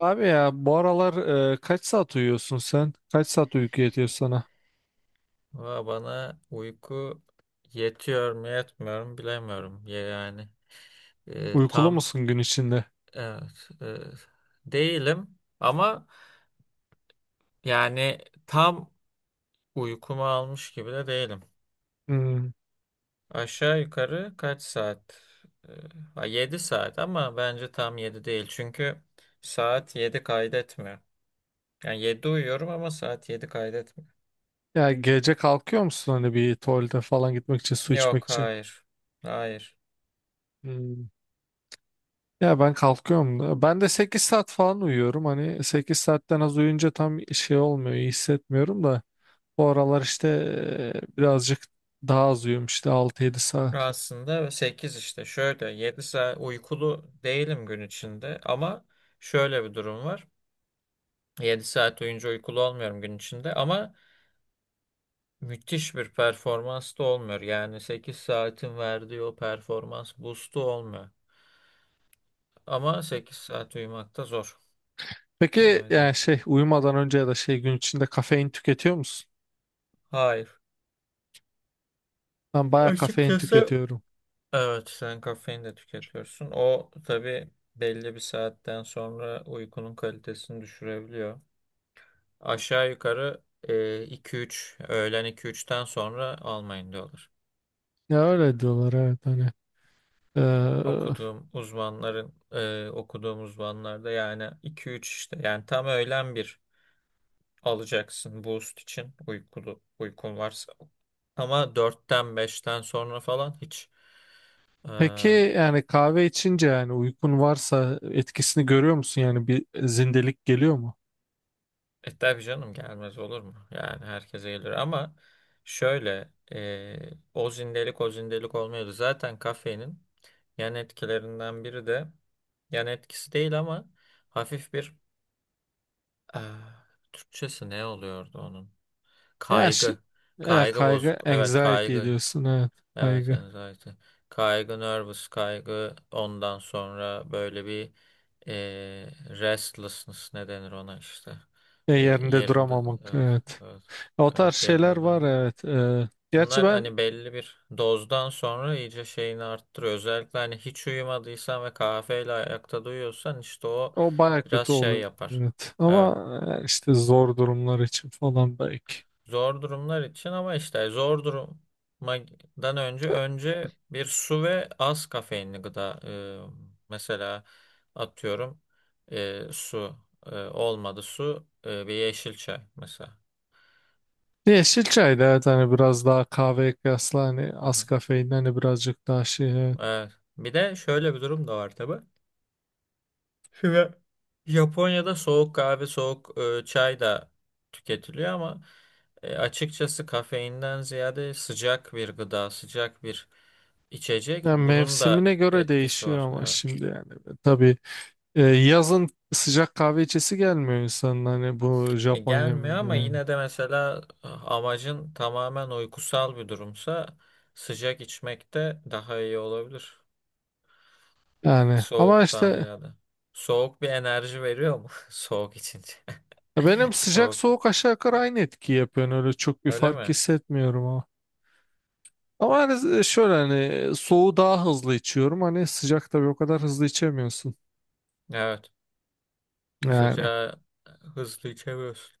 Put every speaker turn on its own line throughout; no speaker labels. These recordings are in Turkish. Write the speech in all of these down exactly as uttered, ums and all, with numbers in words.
Abi ya bu aralar e, kaç saat uyuyorsun sen? Kaç saat uyku yetiyor sana?
Valla bana uyku yetiyor mu yetmiyor mu bilemiyorum. Ya yani e,
Uykulu
tam
musun gün içinde?
evet, e, değilim ama yani tam uykumu almış gibi de değilim.
Hmm.
Aşağı yukarı kaç saat? E, yedi saat ama bence tam yedi değil. Çünkü saat yedi kaydetmiyor. Yani yedi uyuyorum ama saat yedi kaydetmiyor.
Ya gece kalkıyor musun hani bir tuvalete falan gitmek için, su içmek
Yok
için?
hayır. Hayır.
Hmm. Ya ben kalkıyorum. da- Ben de sekiz saat falan uyuyorum. Hani sekiz saatten az uyuyunca tam şey olmuyor, iyi hissetmiyorum da. Bu aralar işte e, birazcık daha az uyuyorum işte altı yedi saat.
Aslında sekiz işte şöyle yedi saat uykulu değilim gün içinde ama şöyle bir durum var. Yedi saat oyuncu uykulu olmuyorum gün içinde ama müthiş bir performans da olmuyor. Yani sekiz saatin verdiği o performans boost'u olmuyor. Ama sekiz saat uyumak da zor.
Peki
Kolay değil.
yani şey uyumadan önce ya da şey gün içinde kafein tüketiyor musun?
Hayır.
Ben bayağı kafein
Açıkçası
tüketiyorum.
evet, sen kafein de tüketiyorsun. O tabii belli bir saatten sonra uykunun kalitesini düşürebiliyor. Aşağı yukarı e, iki üç, öğlen iki üçten sonra almayın diyorlar.
Ya öyle diyorlar, evet hani. Ee,
Okuduğum uzmanların e, okuduğum uzmanlarda yani iki üç, işte yani tam öğlen bir alacaksın boost için, uykulu uykun varsa. Ama dörtten beşten sonra falan hiç.
peki yani kahve içince yani uykun varsa etkisini görüyor musun? Yani bir zindelik geliyor mu?
E tabii canım, gelmez olur mu? Yani herkese gelir ama şöyle e, o zindelik o zindelik olmuyordu. Zaten kafeinin yan etkilerinden biri de, yan etkisi değil ama, hafif bir ah, Türkçesi ne oluyordu onun?
Ya, şi-
Kaygı.
ya
Kaygı
kaygı
bozuk. Evet
anxiety
kaygı.
diyorsun, evet
Evet,
kaygı.
anxiety. Kaygı, nervous, kaygı, ondan sonra böyle bir eee, restlessness, ne denir ona işte.
E,
Bir
yerinde
yerinde,
duramamak,
evet,
evet,
evet,
o tarz
evet,
şeyler
yerinde
var,
durma.
evet. E, gerçi
Bunlar
ben
hani belli bir dozdan sonra iyice şeyini arttırıyor. Özellikle hani hiç uyumadıysan ve kahveyle ayakta duyuyorsan işte o
o baya
biraz
kötü
şey
oluyor,
yapar.
evet, ama
Evet.
e, işte zor durumlar için falan belki.
Zor durumlar için, ama işte zor durumdan önce önce bir su ve az kafeinli gıda, e, mesela atıyorum, e, su, e, olmadı su, e, bir yeşil çay mesela.
Yeşil çay da evet, hani biraz daha kahveye kıyasla hani
Hı
az
hı.
kafein hani birazcık daha şey, evet.
Evet. Bir de şöyle bir durum da var tabii. Şimdi Japonya'da soğuk kahve, soğuk e, çay da tüketiliyor ama e, açıkçası kafeinden ziyade sıcak bir gıda, sıcak bir içecek,
Yani
bunun da
mevsimine göre
etkisi
değişiyor
var.
ama
Evet.
şimdi yani tabii, e, yazın sıcak kahve içesi gelmiyor insanın hani bu
E,
Japon
gelmiyor
neminde
ama
yani.
yine de, mesela e, amacın tamamen uykusal bir durumsa sıcak içmek de daha iyi olabilir.
Yani ama
Soğuktan
işte,
ziyade. Soğuk bir enerji veriyor mu? Soğuk içince.
ya benim sıcak
Soğuk.
soğuk aşağı yukarı aynı etki yapıyor. Yani öyle çok bir
Öyle
fark
mi?
hissetmiyorum ama. Ama hani şöyle hani soğuğu daha hızlı içiyorum. Hani sıcak tabii o kadar hızlı içemiyorsun.
Evet.
Yani
Sıcağı e, hızlı içemiyorsun.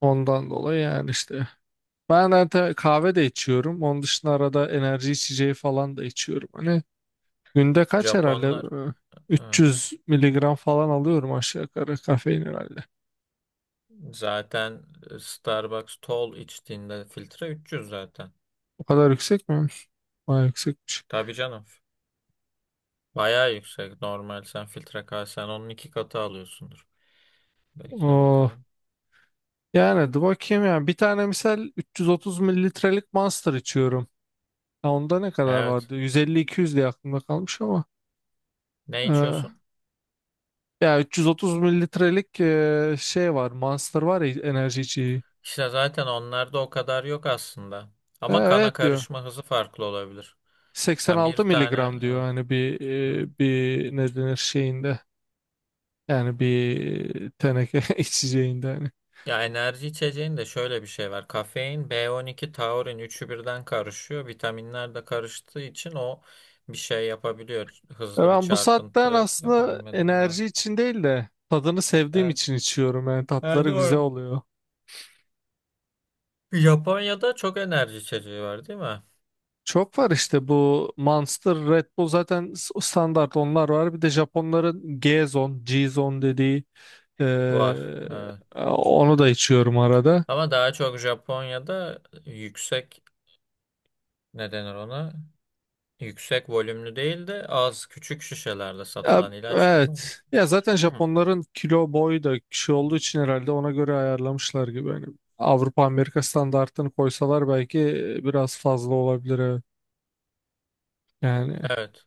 ondan dolayı yani işte. Ben zaten kahve de içiyorum. Onun dışında arada enerji içeceği falan da içiyorum. Hani günde kaç herhalde,
Japonlar
e,
evet,
üç yüz miligram falan alıyorum aşağı yukarı kafein herhalde.
zaten e, Starbucks tall içtiğinde filtre üç yüz zaten.
O kadar yüksek mi? Bayağı yüksekmiş.
Tabii canım. Bayağı yüksek. Normal, sen filtre kahvesen onun iki katı alıyorsundur. Bekle
O
bakalım.
Yani dur bakayım ya. Bir tane misal üç yüz otuz mililitrelik Monster içiyorum. Ya onda ne kadar
Evet.
vardı? yüz elli iki yüz diye aklımda kalmış ama.
Ne
e,
içiyorsun?
Ya üç yüz otuz mililitrelik e, şey var. Monster var ya, enerji içeceği.
İşte zaten onlarda o kadar yok aslında.
E,
Ama kana
evet diyor.
karışma hızı farklı olabilir. Yani bir
seksen altı
tane,
miligram diyor.
evet.
Hani bir,
Evet.
e, bir ne denir şeyinde. Yani bir teneke içeceğinde hani.
Ya, enerji içeceğin de şöyle bir şey var. Kafein, B on iki, taurin, üçü birden karışıyor. Vitaminler de karıştığı için o bir şey yapabiliyor.
E,
Hızlı bir
Ben bu saatten
çarpıntı
aslında
yapabilme durumu
enerji
var.
için değil de tadını sevdiğim
Evet,
için içiyorum. Yani
evet
tatları güzel
doğru.
oluyor.
Japonya'da çok enerji içeceği var değil mi?
Çok var işte bu Monster, Red Bull zaten s- standart onlar var. Bir de Japonların G-Zone, G-Zone dediği,
Var.
eee,
Evet.
onu da içiyorum arada.
Ama daha çok Japonya'da yüksek, ne denir ona? Yüksek volümlü değil de az küçük şişelerde
Ya,
satılan ilaç gibi oluyor.
evet. Ya zaten
Hı.
Japonların kilo boyu da kişi olduğu için herhalde ona göre ayarlamışlar gibi. Yani Avrupa Amerika standartını koysalar belki biraz fazla olabilir, evet. Yani
Evet.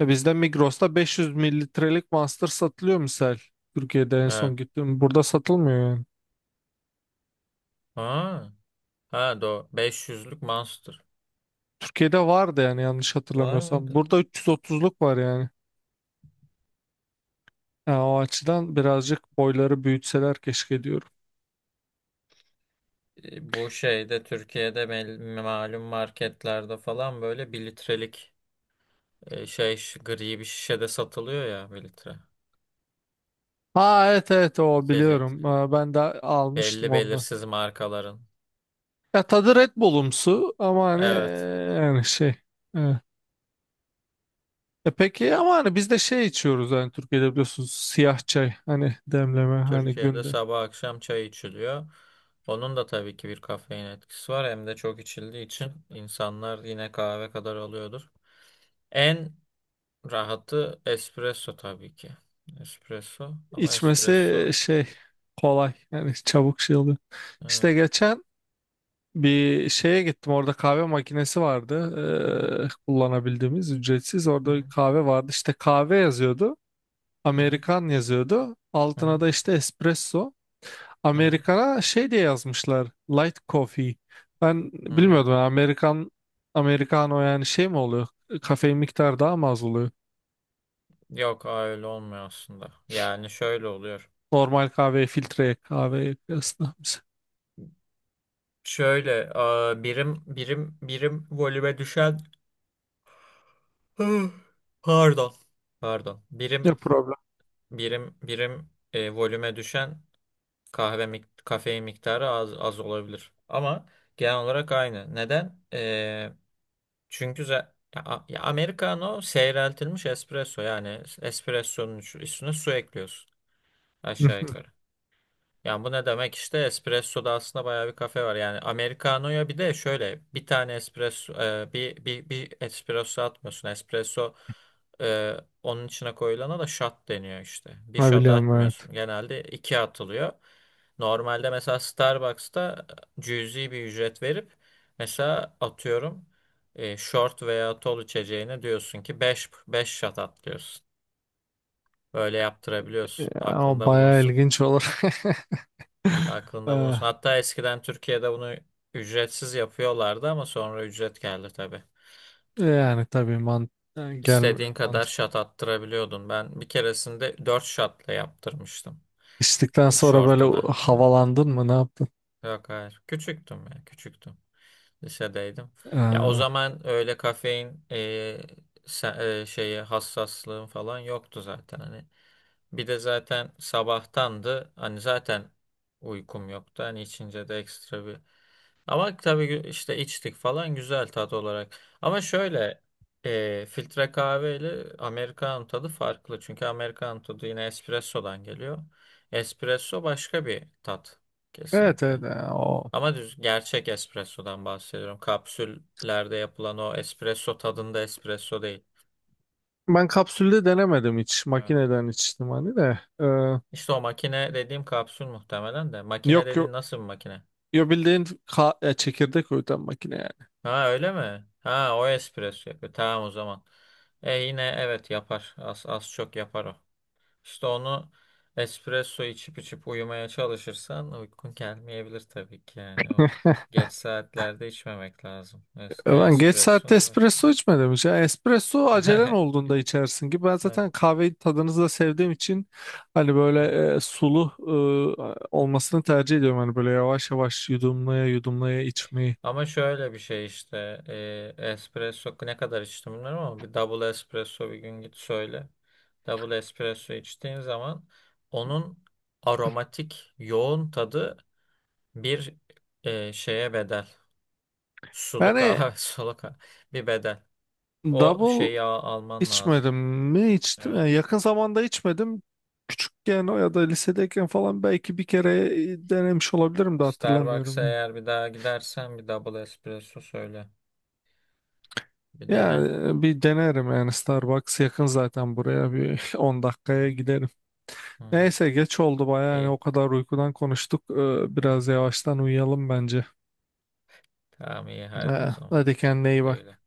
ya bizde Migros'ta beş yüz mililitrelik Monster satılıyor misal. Türkiye'de en
Evet.
son gittim. Burada satılmıyor yani.
Ha. Ha doğru. beş yüzlük Monster.
Türkiye'de vardı yani yanlış
Var
hatırlamıyorsam.
mıydı?
Burada üç yüz otuzluk var yani. Yani o açıdan birazcık boyları büyütseler keşke diyorum.
E, Bu şeyde Türkiye'de mel- malum marketlerde falan böyle 1 litrelik, e, şey şi- gri bir şişede satılıyor ya, 1 litre.
Ha evet evet o
İçecek.
biliyorum. Ee, Ben de almıştım
Belli
ondan.
belirsiz markaların.
Ya tadı Red Bull'umsu ama hani
Evet.
e, yani şey, evet. E peki ama hani biz de şey içiyoruz yani Türkiye'de biliyorsunuz, siyah çay hani demleme hani
Türkiye'de
günde.
sabah akşam çay içiliyor. Onun da tabii ki bir kafein etkisi var. Hem de çok içildiği için insanlar yine kahve kadar alıyordur. En rahatı espresso tabii ki. Espresso, ama
İçmesi
espresso.
şey kolay yani çabuk şey oluyor.
Evet.
İşte geçen bir şeye gittim, orada kahve makinesi vardı,
Hı hı,
eee, kullanabildiğimiz ücretsiz,
hı
orada bir
hı,
kahve vardı işte kahve yazıyordu,
hı hı,
Amerikan yazıyordu
hı hı,
altına, da işte espresso.
hı hı,
Amerikana şey diye yazmışlar, light coffee. Ben
hı hı.
bilmiyordum yani Amerikan Americano yani şey mi oluyor, kafein miktarı daha mı az oluyor
Yok aa, öyle olmuyor aslında. Yani şöyle oluyor.
normal kahveye filtre kahveye kıyasla.
Şöyle aa, birim birim birim volüme düşen Hı, pardon pardon
Ne
birim
problem.
birim birim e, volüme düşen kahve, mik- kafein miktarı az az olabilir. Ama genel olarak aynı. Neden? E, çünkü za- ya, a- ya Americano seyreltilmiş espresso, yani espressonun üstüne su ekliyorsun aşağı yukarı. Yani bu ne demek, işte espressoda aslında bayağı bir kafe var. Yani Americano'ya bir de şöyle bir tane espresso, e, bir, bir, bir espresso atmıyorsun. Espresso, e, onun içine koyulana da shot deniyor işte. Bir
Ne
shot
biliyorum, evet.
atmıyorsun, genelde iki atılıyor. Normalde mesela Starbucks'ta e, cüzi bir ücret verip, mesela atıyorum, e, short veya tall içeceğine diyorsun ki beş beş shot at diyorsun. Böyle yaptırabiliyorsun.
Ya, o
Aklında
bayağı
bulunsun.
ilginç olur.
Aklında
Eee,
bulunsun. Hatta eskiden Türkiye'de bunu ücretsiz yapıyorlardı ama sonra ücret geldi tabii.
Yani tabii man, yani gelmiyor
İstediğin kadar
mantık.
şat attırabiliyordun. Ben bir keresinde dört şatla yaptırmıştım.
İçtikten
E,
sonra böyle
şortuna. Evet.
havalandın mı ne yaptın?
Yok hayır. Küçüktüm ya. Küçüktüm. Lisedeydim. Ya o
Ee,
zaman öyle kafein e, se- e, şeyi hassaslığım falan yoktu zaten. Hani bir de zaten sabahtandı. Hani zaten uykum yoktu. Hani içince de ekstra bir. Ama tabii gü- işte içtik falan, güzel tat olarak. Ama şöyle e, filtre kahve ile Amerikan tadı farklı. Çünkü Amerikan tadı yine espressodan geliyor. Espresso başka bir tat,
evet evet,
kesinlikle.
e, o.
Ama düz gerçek espressodan bahsediyorum. Kapsüllerde yapılan o espresso tadında espresso değil.
Ben kapsülde denemedim hiç.
Evet.
Makineden içtim hani de. Ee,
İşte o makine dediğim kapsül muhtemelen de. Makine
yok
dediğin
yok.
nasıl bir makine?
Yo bildiğin, ka- e, çekirdek öğüten makine yani.
Ha öyle mi? Ha, o espresso yapıyor. Tamam o zaman. E yine evet, yapar. Az, az çok yapar o. İşte onu, espresso içip içip uyumaya çalışırsan uykun gelmeyebilir tabii ki yani. O, geç saatlerde içmemek lazım. Es-
E,
Ne
ben geç
espresso
saatte
ne başka.
espresso içmedim hiç. Yani espresso acelen olduğunda içersin ki. Ben
Evet,
zaten kahveyi tadınızı da sevdiğim için hani
evet.
böyle e, sulu e, olmasını tercih ediyorum. Hani böyle yavaş yavaş yudumlaya yudumlaya içmeyi.
Ama şöyle bir şey işte, e, espresso ne kadar içtim bilmiyorum ama bir double espresso bir gün git söyle. Double espresso içtiğin zaman, onun aromatik yoğun tadı bir e, şeye bedel. Suluk
Yani
ağa, suluk ağa. Bir bedel. O
double
şeyi al- alman lazım.
içmedim mi, içtim.
Evet.
Yani yakın zamanda içmedim. Küçükken o ya da lisedeyken falan belki bir kere denemiş olabilirim de
Starbucks'a
hatırlamıyorum.
eğer bir daha gidersen bir double espresso söyle. Bir dene.
Yani e, bir denerim yani, Starbucks yakın zaten, buraya bir on
Hı
dakikaya giderim.
hı.
Neyse geç oldu bayağı yani, o
İyi.
kadar uykudan konuştuk. Ee,
İyi.
Biraz yavaştan uyuyalım bence.
Tamam, iyi, hadi
Ee,
o zaman.
Hadi kendine iyi
Güle güle.
bak.